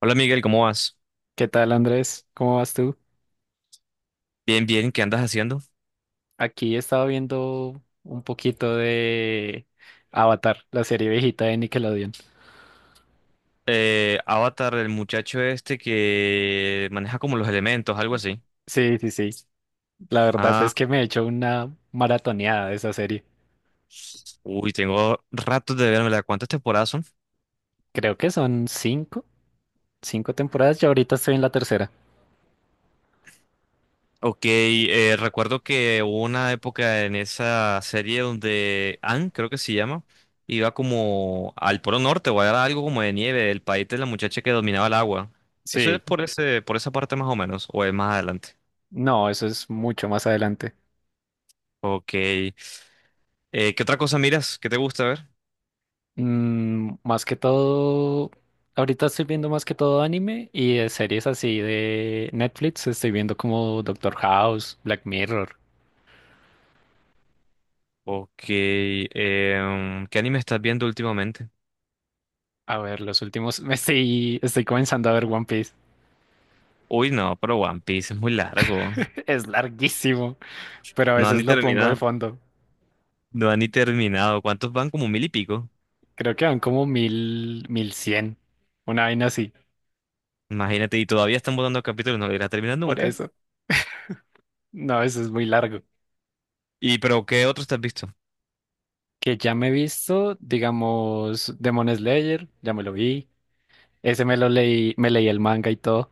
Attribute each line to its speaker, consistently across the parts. Speaker 1: Hola Miguel, ¿cómo vas?
Speaker 2: ¿Qué tal, Andrés? ¿Cómo vas tú?
Speaker 1: Bien, bien, ¿qué andas haciendo?
Speaker 2: Aquí he estado viendo un poquito de Avatar, la serie viejita de Nickelodeon.
Speaker 1: Avatar, el muchacho este que maneja como los elementos, algo así.
Speaker 2: Sí, sí, sí. La verdad
Speaker 1: Ah,
Speaker 2: es que me he hecho una maratoneada de esa serie.
Speaker 1: uy, tengo ratos de verme, ¿cuántas temporadas son?
Speaker 2: Creo que son cinco temporadas. Yo ahorita estoy en la tercera.
Speaker 1: Ok, recuerdo que hubo una época en esa serie donde Anne, creo que se llama, iba como al Polo Norte o era algo como de nieve, el país de la muchacha que dominaba el agua. Eso es
Speaker 2: Sí.
Speaker 1: por ese, por esa parte más o menos, o es más adelante.
Speaker 2: No, eso es mucho más adelante.
Speaker 1: Ok. ¿Qué otra cosa miras? ¿Qué te gusta ver?
Speaker 2: Más que todo, ahorita estoy viendo más que todo anime y de series así de Netflix. Estoy viendo como Doctor House, Black Mirror.
Speaker 1: Ok, ¿qué anime estás viendo últimamente?
Speaker 2: A ver, los últimos, estoy comenzando a ver One Piece.
Speaker 1: Uy, no, pero One Piece es muy largo.
Speaker 2: Es larguísimo, pero a
Speaker 1: No han
Speaker 2: veces
Speaker 1: ni
Speaker 2: lo pongo de
Speaker 1: terminado.
Speaker 2: fondo.
Speaker 1: No han ni terminado. ¿Cuántos van? Como mil y pico.
Speaker 2: Creo que van como 1000, 1100, una vaina así.
Speaker 1: Imagínate, y todavía están botando capítulos, no lo irá a terminar
Speaker 2: Por
Speaker 1: nunca.
Speaker 2: eso, no, eso es muy largo.
Speaker 1: ¿Y pero qué otros te has visto?
Speaker 2: Que ya me he visto, digamos, Demon Slayer, ya me lo vi. Ese me lo leí, me leí el manga y todo.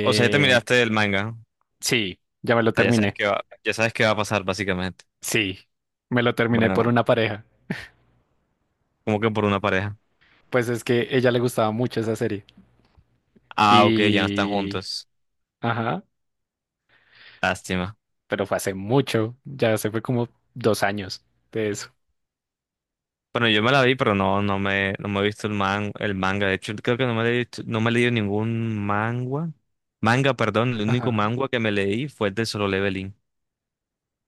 Speaker 1: O sea, ya te miraste el manga. O
Speaker 2: sí, ya me lo
Speaker 1: sea, ya sabes
Speaker 2: terminé.
Speaker 1: qué va, ya sabes qué va a pasar, básicamente.
Speaker 2: Sí, me lo terminé por
Speaker 1: Bueno,
Speaker 2: una pareja.
Speaker 1: como que por una pareja.
Speaker 2: Pues es que ella le gustaba mucho esa serie.
Speaker 1: Ah, ok, ya no están
Speaker 2: Y...
Speaker 1: juntos.
Speaker 2: Ajá.
Speaker 1: Lástima.
Speaker 2: Pero fue hace mucho, ya se fue como 2 años de eso.
Speaker 1: Bueno, yo me la vi, pero no me he visto el el manga. De hecho, creo que no me he leído ningún manga. Manga, perdón, el único
Speaker 2: Ajá.
Speaker 1: manga que me leí fue el de Solo Leveling.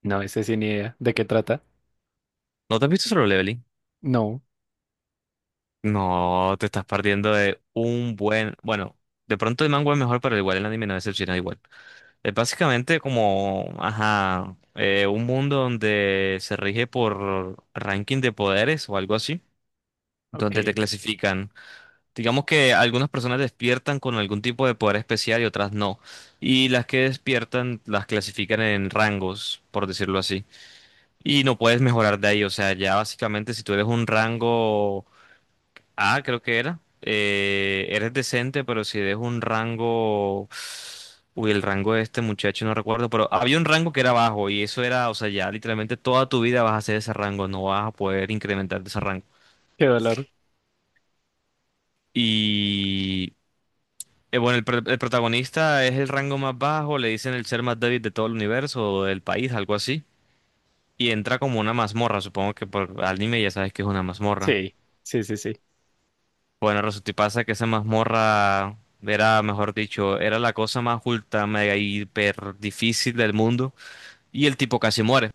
Speaker 2: No, ese sí ni idea. ¿De qué trata?
Speaker 1: ¿No te has visto Solo Leveling?
Speaker 2: No.
Speaker 1: No, te estás perdiendo de un buen. Bueno, de pronto el manga es mejor, pero igual el anime no decepciona igual. Es básicamente como, ajá, un mundo donde se rige por ranking de poderes o algo así, donde te
Speaker 2: Ok.
Speaker 1: clasifican. Digamos que algunas personas despiertan con algún tipo de poder especial y otras no. Y las que despiertan las clasifican en rangos, por decirlo así. Y no puedes mejorar de ahí. O sea, ya básicamente si tú eres un rango A, creo que era, eres decente, pero si eres un rango... Uy, el rango de este muchacho no recuerdo, pero había un rango que era bajo y eso era, o sea, ya literalmente toda tu vida vas a hacer ese rango, no vas a poder incrementar de ese rango.
Speaker 2: Qué dolor.
Speaker 1: Y bueno, el protagonista es el rango más bajo, le dicen el ser más débil de todo el universo o del país, algo así. Y entra como una mazmorra, supongo que por anime ya sabes que es una mazmorra.
Speaker 2: Sí, sí, sí, sí.
Speaker 1: Bueno, resulta y pasa que esa mazmorra era, mejor dicho, era la cosa más ultra, mega, hiper difícil del mundo. Y el tipo casi muere.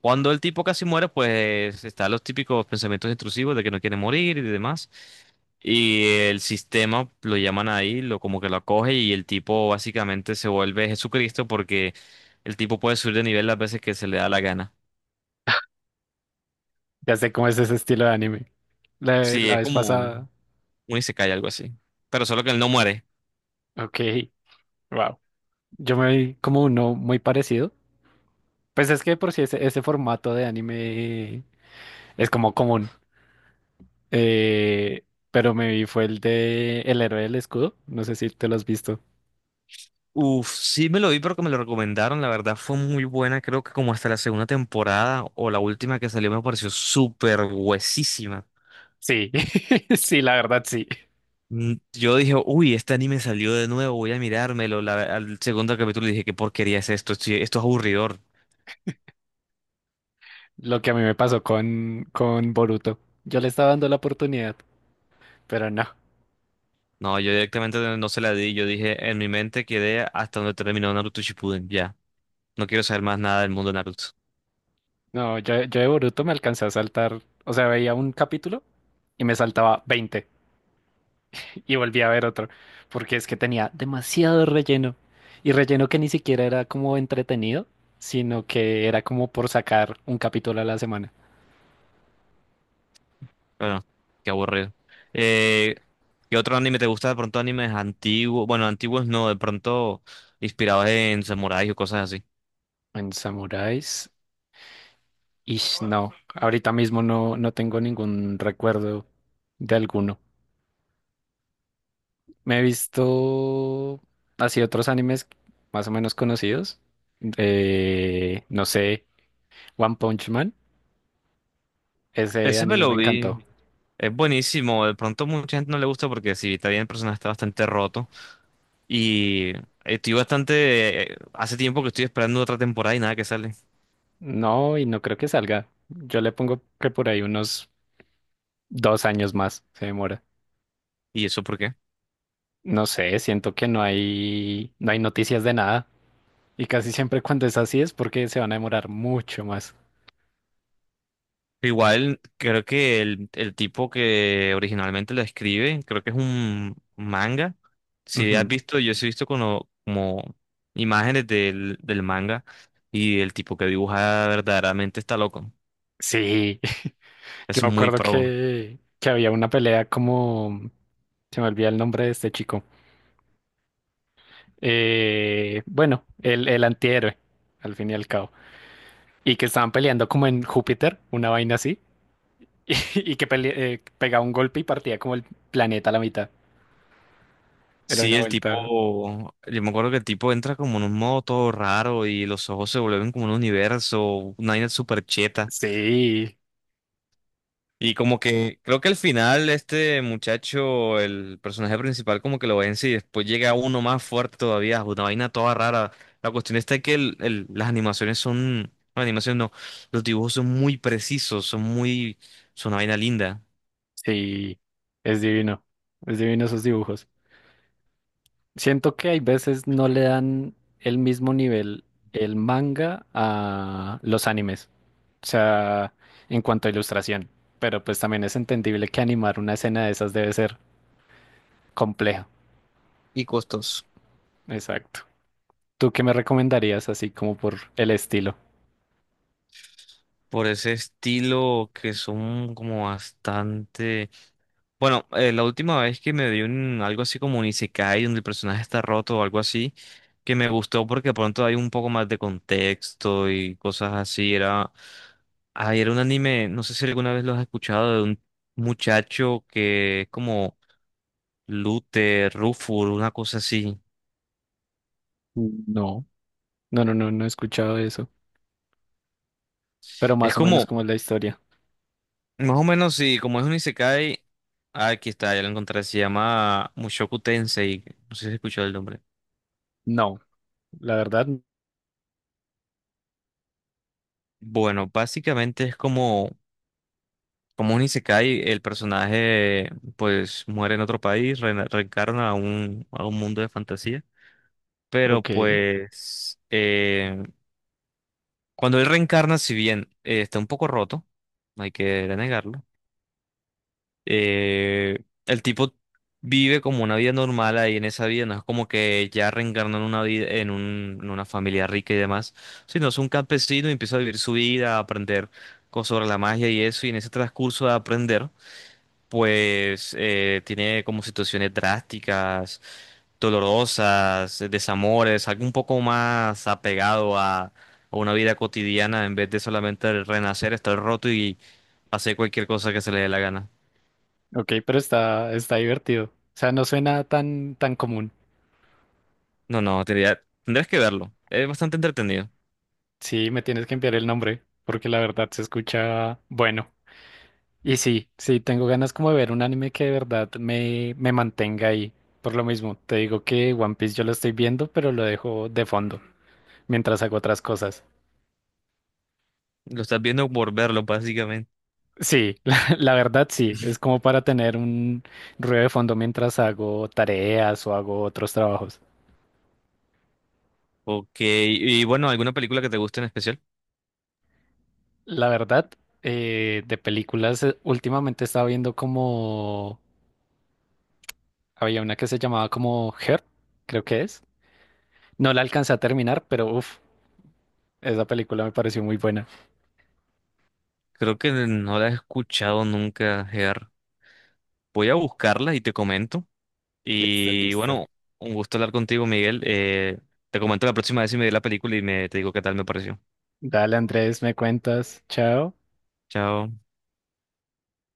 Speaker 1: Cuando el tipo casi muere, pues están los típicos pensamientos intrusivos de que no quiere morir y demás. Y el sistema lo llaman ahí, lo como que lo acoge y el tipo básicamente se vuelve Jesucristo porque el tipo puede subir de nivel las veces que se le da la gana.
Speaker 2: Ya sé cómo es ese estilo de anime. La,
Speaker 1: Sí,
Speaker 2: la
Speaker 1: es
Speaker 2: vez
Speaker 1: como
Speaker 2: pasada.
Speaker 1: un isekai, algo así. Pero solo que él no muere.
Speaker 2: Ok. Wow. Yo me vi como uno muy parecido. Pues es que de por si ese formato de anime es como común. Eh, pero me vi fue el de El héroe del escudo. No sé si te lo has visto.
Speaker 1: Uf, sí me lo vi, pero que me lo recomendaron. La verdad fue muy buena. Creo que como hasta la segunda temporada o la última que salió me pareció súper huesísima.
Speaker 2: Sí, sí, la verdad sí.
Speaker 1: Mm, yo dije, uy, este anime salió de nuevo, voy a mirármelo. Al segundo capítulo dije, ¿qué porquería es esto? Esto es aburridor.
Speaker 2: Lo que a mí me pasó con Boruto. Yo le estaba dando la oportunidad, pero no.
Speaker 1: No, yo directamente no se la di. Yo dije, en mi mente quedé hasta donde terminó Naruto Shippuden. Ya, no quiero saber más nada del mundo de Naruto.
Speaker 2: No, yo de Boruto me alcancé a saltar. O sea, veía un capítulo y me saltaba 20 y volvía a ver otro. Porque es que tenía demasiado relleno. Y relleno que ni siquiera era como entretenido, sino que era como por sacar un capítulo a la semana.
Speaker 1: Bueno, qué aburrido. Eh, ¿Qué otro anime te gusta? De pronto animes antiguos. Bueno, antiguos no, de pronto inspirados en samuráis o cosas así.
Speaker 2: En Samuráis, no. Ahorita mismo no, no tengo ningún recuerdo de alguno. Me he visto así otros animes más o menos conocidos. No sé, One Punch Man. Ese
Speaker 1: Ese me
Speaker 2: anime
Speaker 1: lo
Speaker 2: me encantó.
Speaker 1: vi. Es buenísimo, de pronto mucha gente no le gusta porque si está bien el personaje está bastante roto y estoy bastante, hace tiempo que estoy esperando otra temporada y nada que sale.
Speaker 2: No, y no creo que salga. Yo le pongo que por ahí unos 2 años más se demora.
Speaker 1: ¿Y eso por qué?
Speaker 2: No sé, siento que no hay noticias de nada. Y casi siempre cuando es así es porque se van a demorar mucho más.
Speaker 1: Igual creo que el tipo que originalmente lo escribe, creo que es un manga. Si has
Speaker 2: Ujú.
Speaker 1: visto, yo sí he visto como imágenes del manga y el tipo que dibuja verdaderamente está loco.
Speaker 2: Sí, yo
Speaker 1: Es
Speaker 2: me
Speaker 1: muy
Speaker 2: acuerdo
Speaker 1: pro.
Speaker 2: que había una pelea como. Se me olvida el nombre de este chico. Bueno, el antihéroe, al fin y al cabo. Y que estaban peleando como en Júpiter, una vaina así, y, pegaba un golpe y partía como el planeta a la mitad. Era
Speaker 1: Sí,
Speaker 2: una
Speaker 1: el
Speaker 2: vuelta.
Speaker 1: tipo, yo me acuerdo que el tipo entra como en un modo todo raro y los ojos se vuelven como un universo, una vaina súper cheta.
Speaker 2: Sí,
Speaker 1: Y como que creo que al final este muchacho, el personaje principal, como que lo vence y después llega uno más fuerte todavía, una vaina toda rara. La cuestión está que las animaciones son, no, animaciones no, los dibujos son muy precisos, son muy, son una vaina linda.
Speaker 2: sí, es divino. Es divino esos dibujos. Siento que hay veces no le dan el mismo nivel el manga a los animes. O sea, en cuanto a ilustración. Pero pues también es entendible que animar una escena de esas debe ser compleja.
Speaker 1: Y costos.
Speaker 2: Exacto. ¿Tú qué me recomendarías así como por el estilo?
Speaker 1: Por ese estilo que son como bastante... Bueno, la última vez que me vi un, algo así como un isekai donde el personaje está roto o algo así, que me gustó porque de pronto hay un poco más de contexto y cosas así, era... Ay, era un anime, no sé si alguna vez lo has escuchado, de un muchacho que es como Luther, Rufur, una cosa así.
Speaker 2: No, no, no, no, no he escuchado eso. Pero
Speaker 1: Es
Speaker 2: más o menos
Speaker 1: como,
Speaker 2: cómo es la historia.
Speaker 1: más o menos, sí, como es un isekai, ah, aquí está, ya lo encontré, se llama Mushoku Tensei, no sé si has escuchado el nombre.
Speaker 2: No, la verdad.
Speaker 1: Bueno, básicamente es como. Como un isekai, el personaje pues muere en otro país, reencarna a un mundo de fantasía. Pero
Speaker 2: Ok,
Speaker 1: pues cuando él reencarna, si bien está un poco roto, no hay que negarlo, eh, el tipo vive como una vida normal ahí en esa vida, no es como que ya reencarna en una vida, en una familia rica y demás, sino es un campesino y empieza a vivir su vida, a aprender cosas sobre la magia y eso, y en ese transcurso de aprender. Pues tiene como situaciones drásticas, dolorosas, desamores, algo un poco más apegado a una vida cotidiana en vez de solamente renacer, estar roto y hacer cualquier cosa que se le dé la gana.
Speaker 2: ok, pero está divertido. O sea, no suena tan, tan común.
Speaker 1: No, no, tendrías que verlo. Es bastante entretenido.
Speaker 2: Sí, me tienes que enviar el nombre, porque la verdad se escucha bueno. Y sí, sí, tengo ganas como de ver un anime que de verdad me mantenga ahí. Por lo mismo, te digo que One Piece yo lo estoy viendo, pero lo dejo de fondo mientras hago otras cosas.
Speaker 1: Lo estás viendo por verlo, básicamente.
Speaker 2: Sí, la verdad sí, es como para tener un ruido de fondo mientras hago tareas o hago otros trabajos.
Speaker 1: Ok, y bueno, ¿alguna película que te guste en especial?
Speaker 2: La verdad, de películas, últimamente estaba viendo como, había una que se llamaba como Her, creo que es. No la alcancé a terminar, pero uff, esa película me pareció muy buena.
Speaker 1: Creo que no la he escuchado nunca, Ger. Voy a buscarla y te comento.
Speaker 2: Listo,
Speaker 1: Y
Speaker 2: listo.
Speaker 1: bueno, un gusto hablar contigo, Miguel. Te comento la próxima vez si me vi la película y me te digo qué tal me pareció.
Speaker 2: Dale, Andrés, me cuentas. Chao.
Speaker 1: Chao.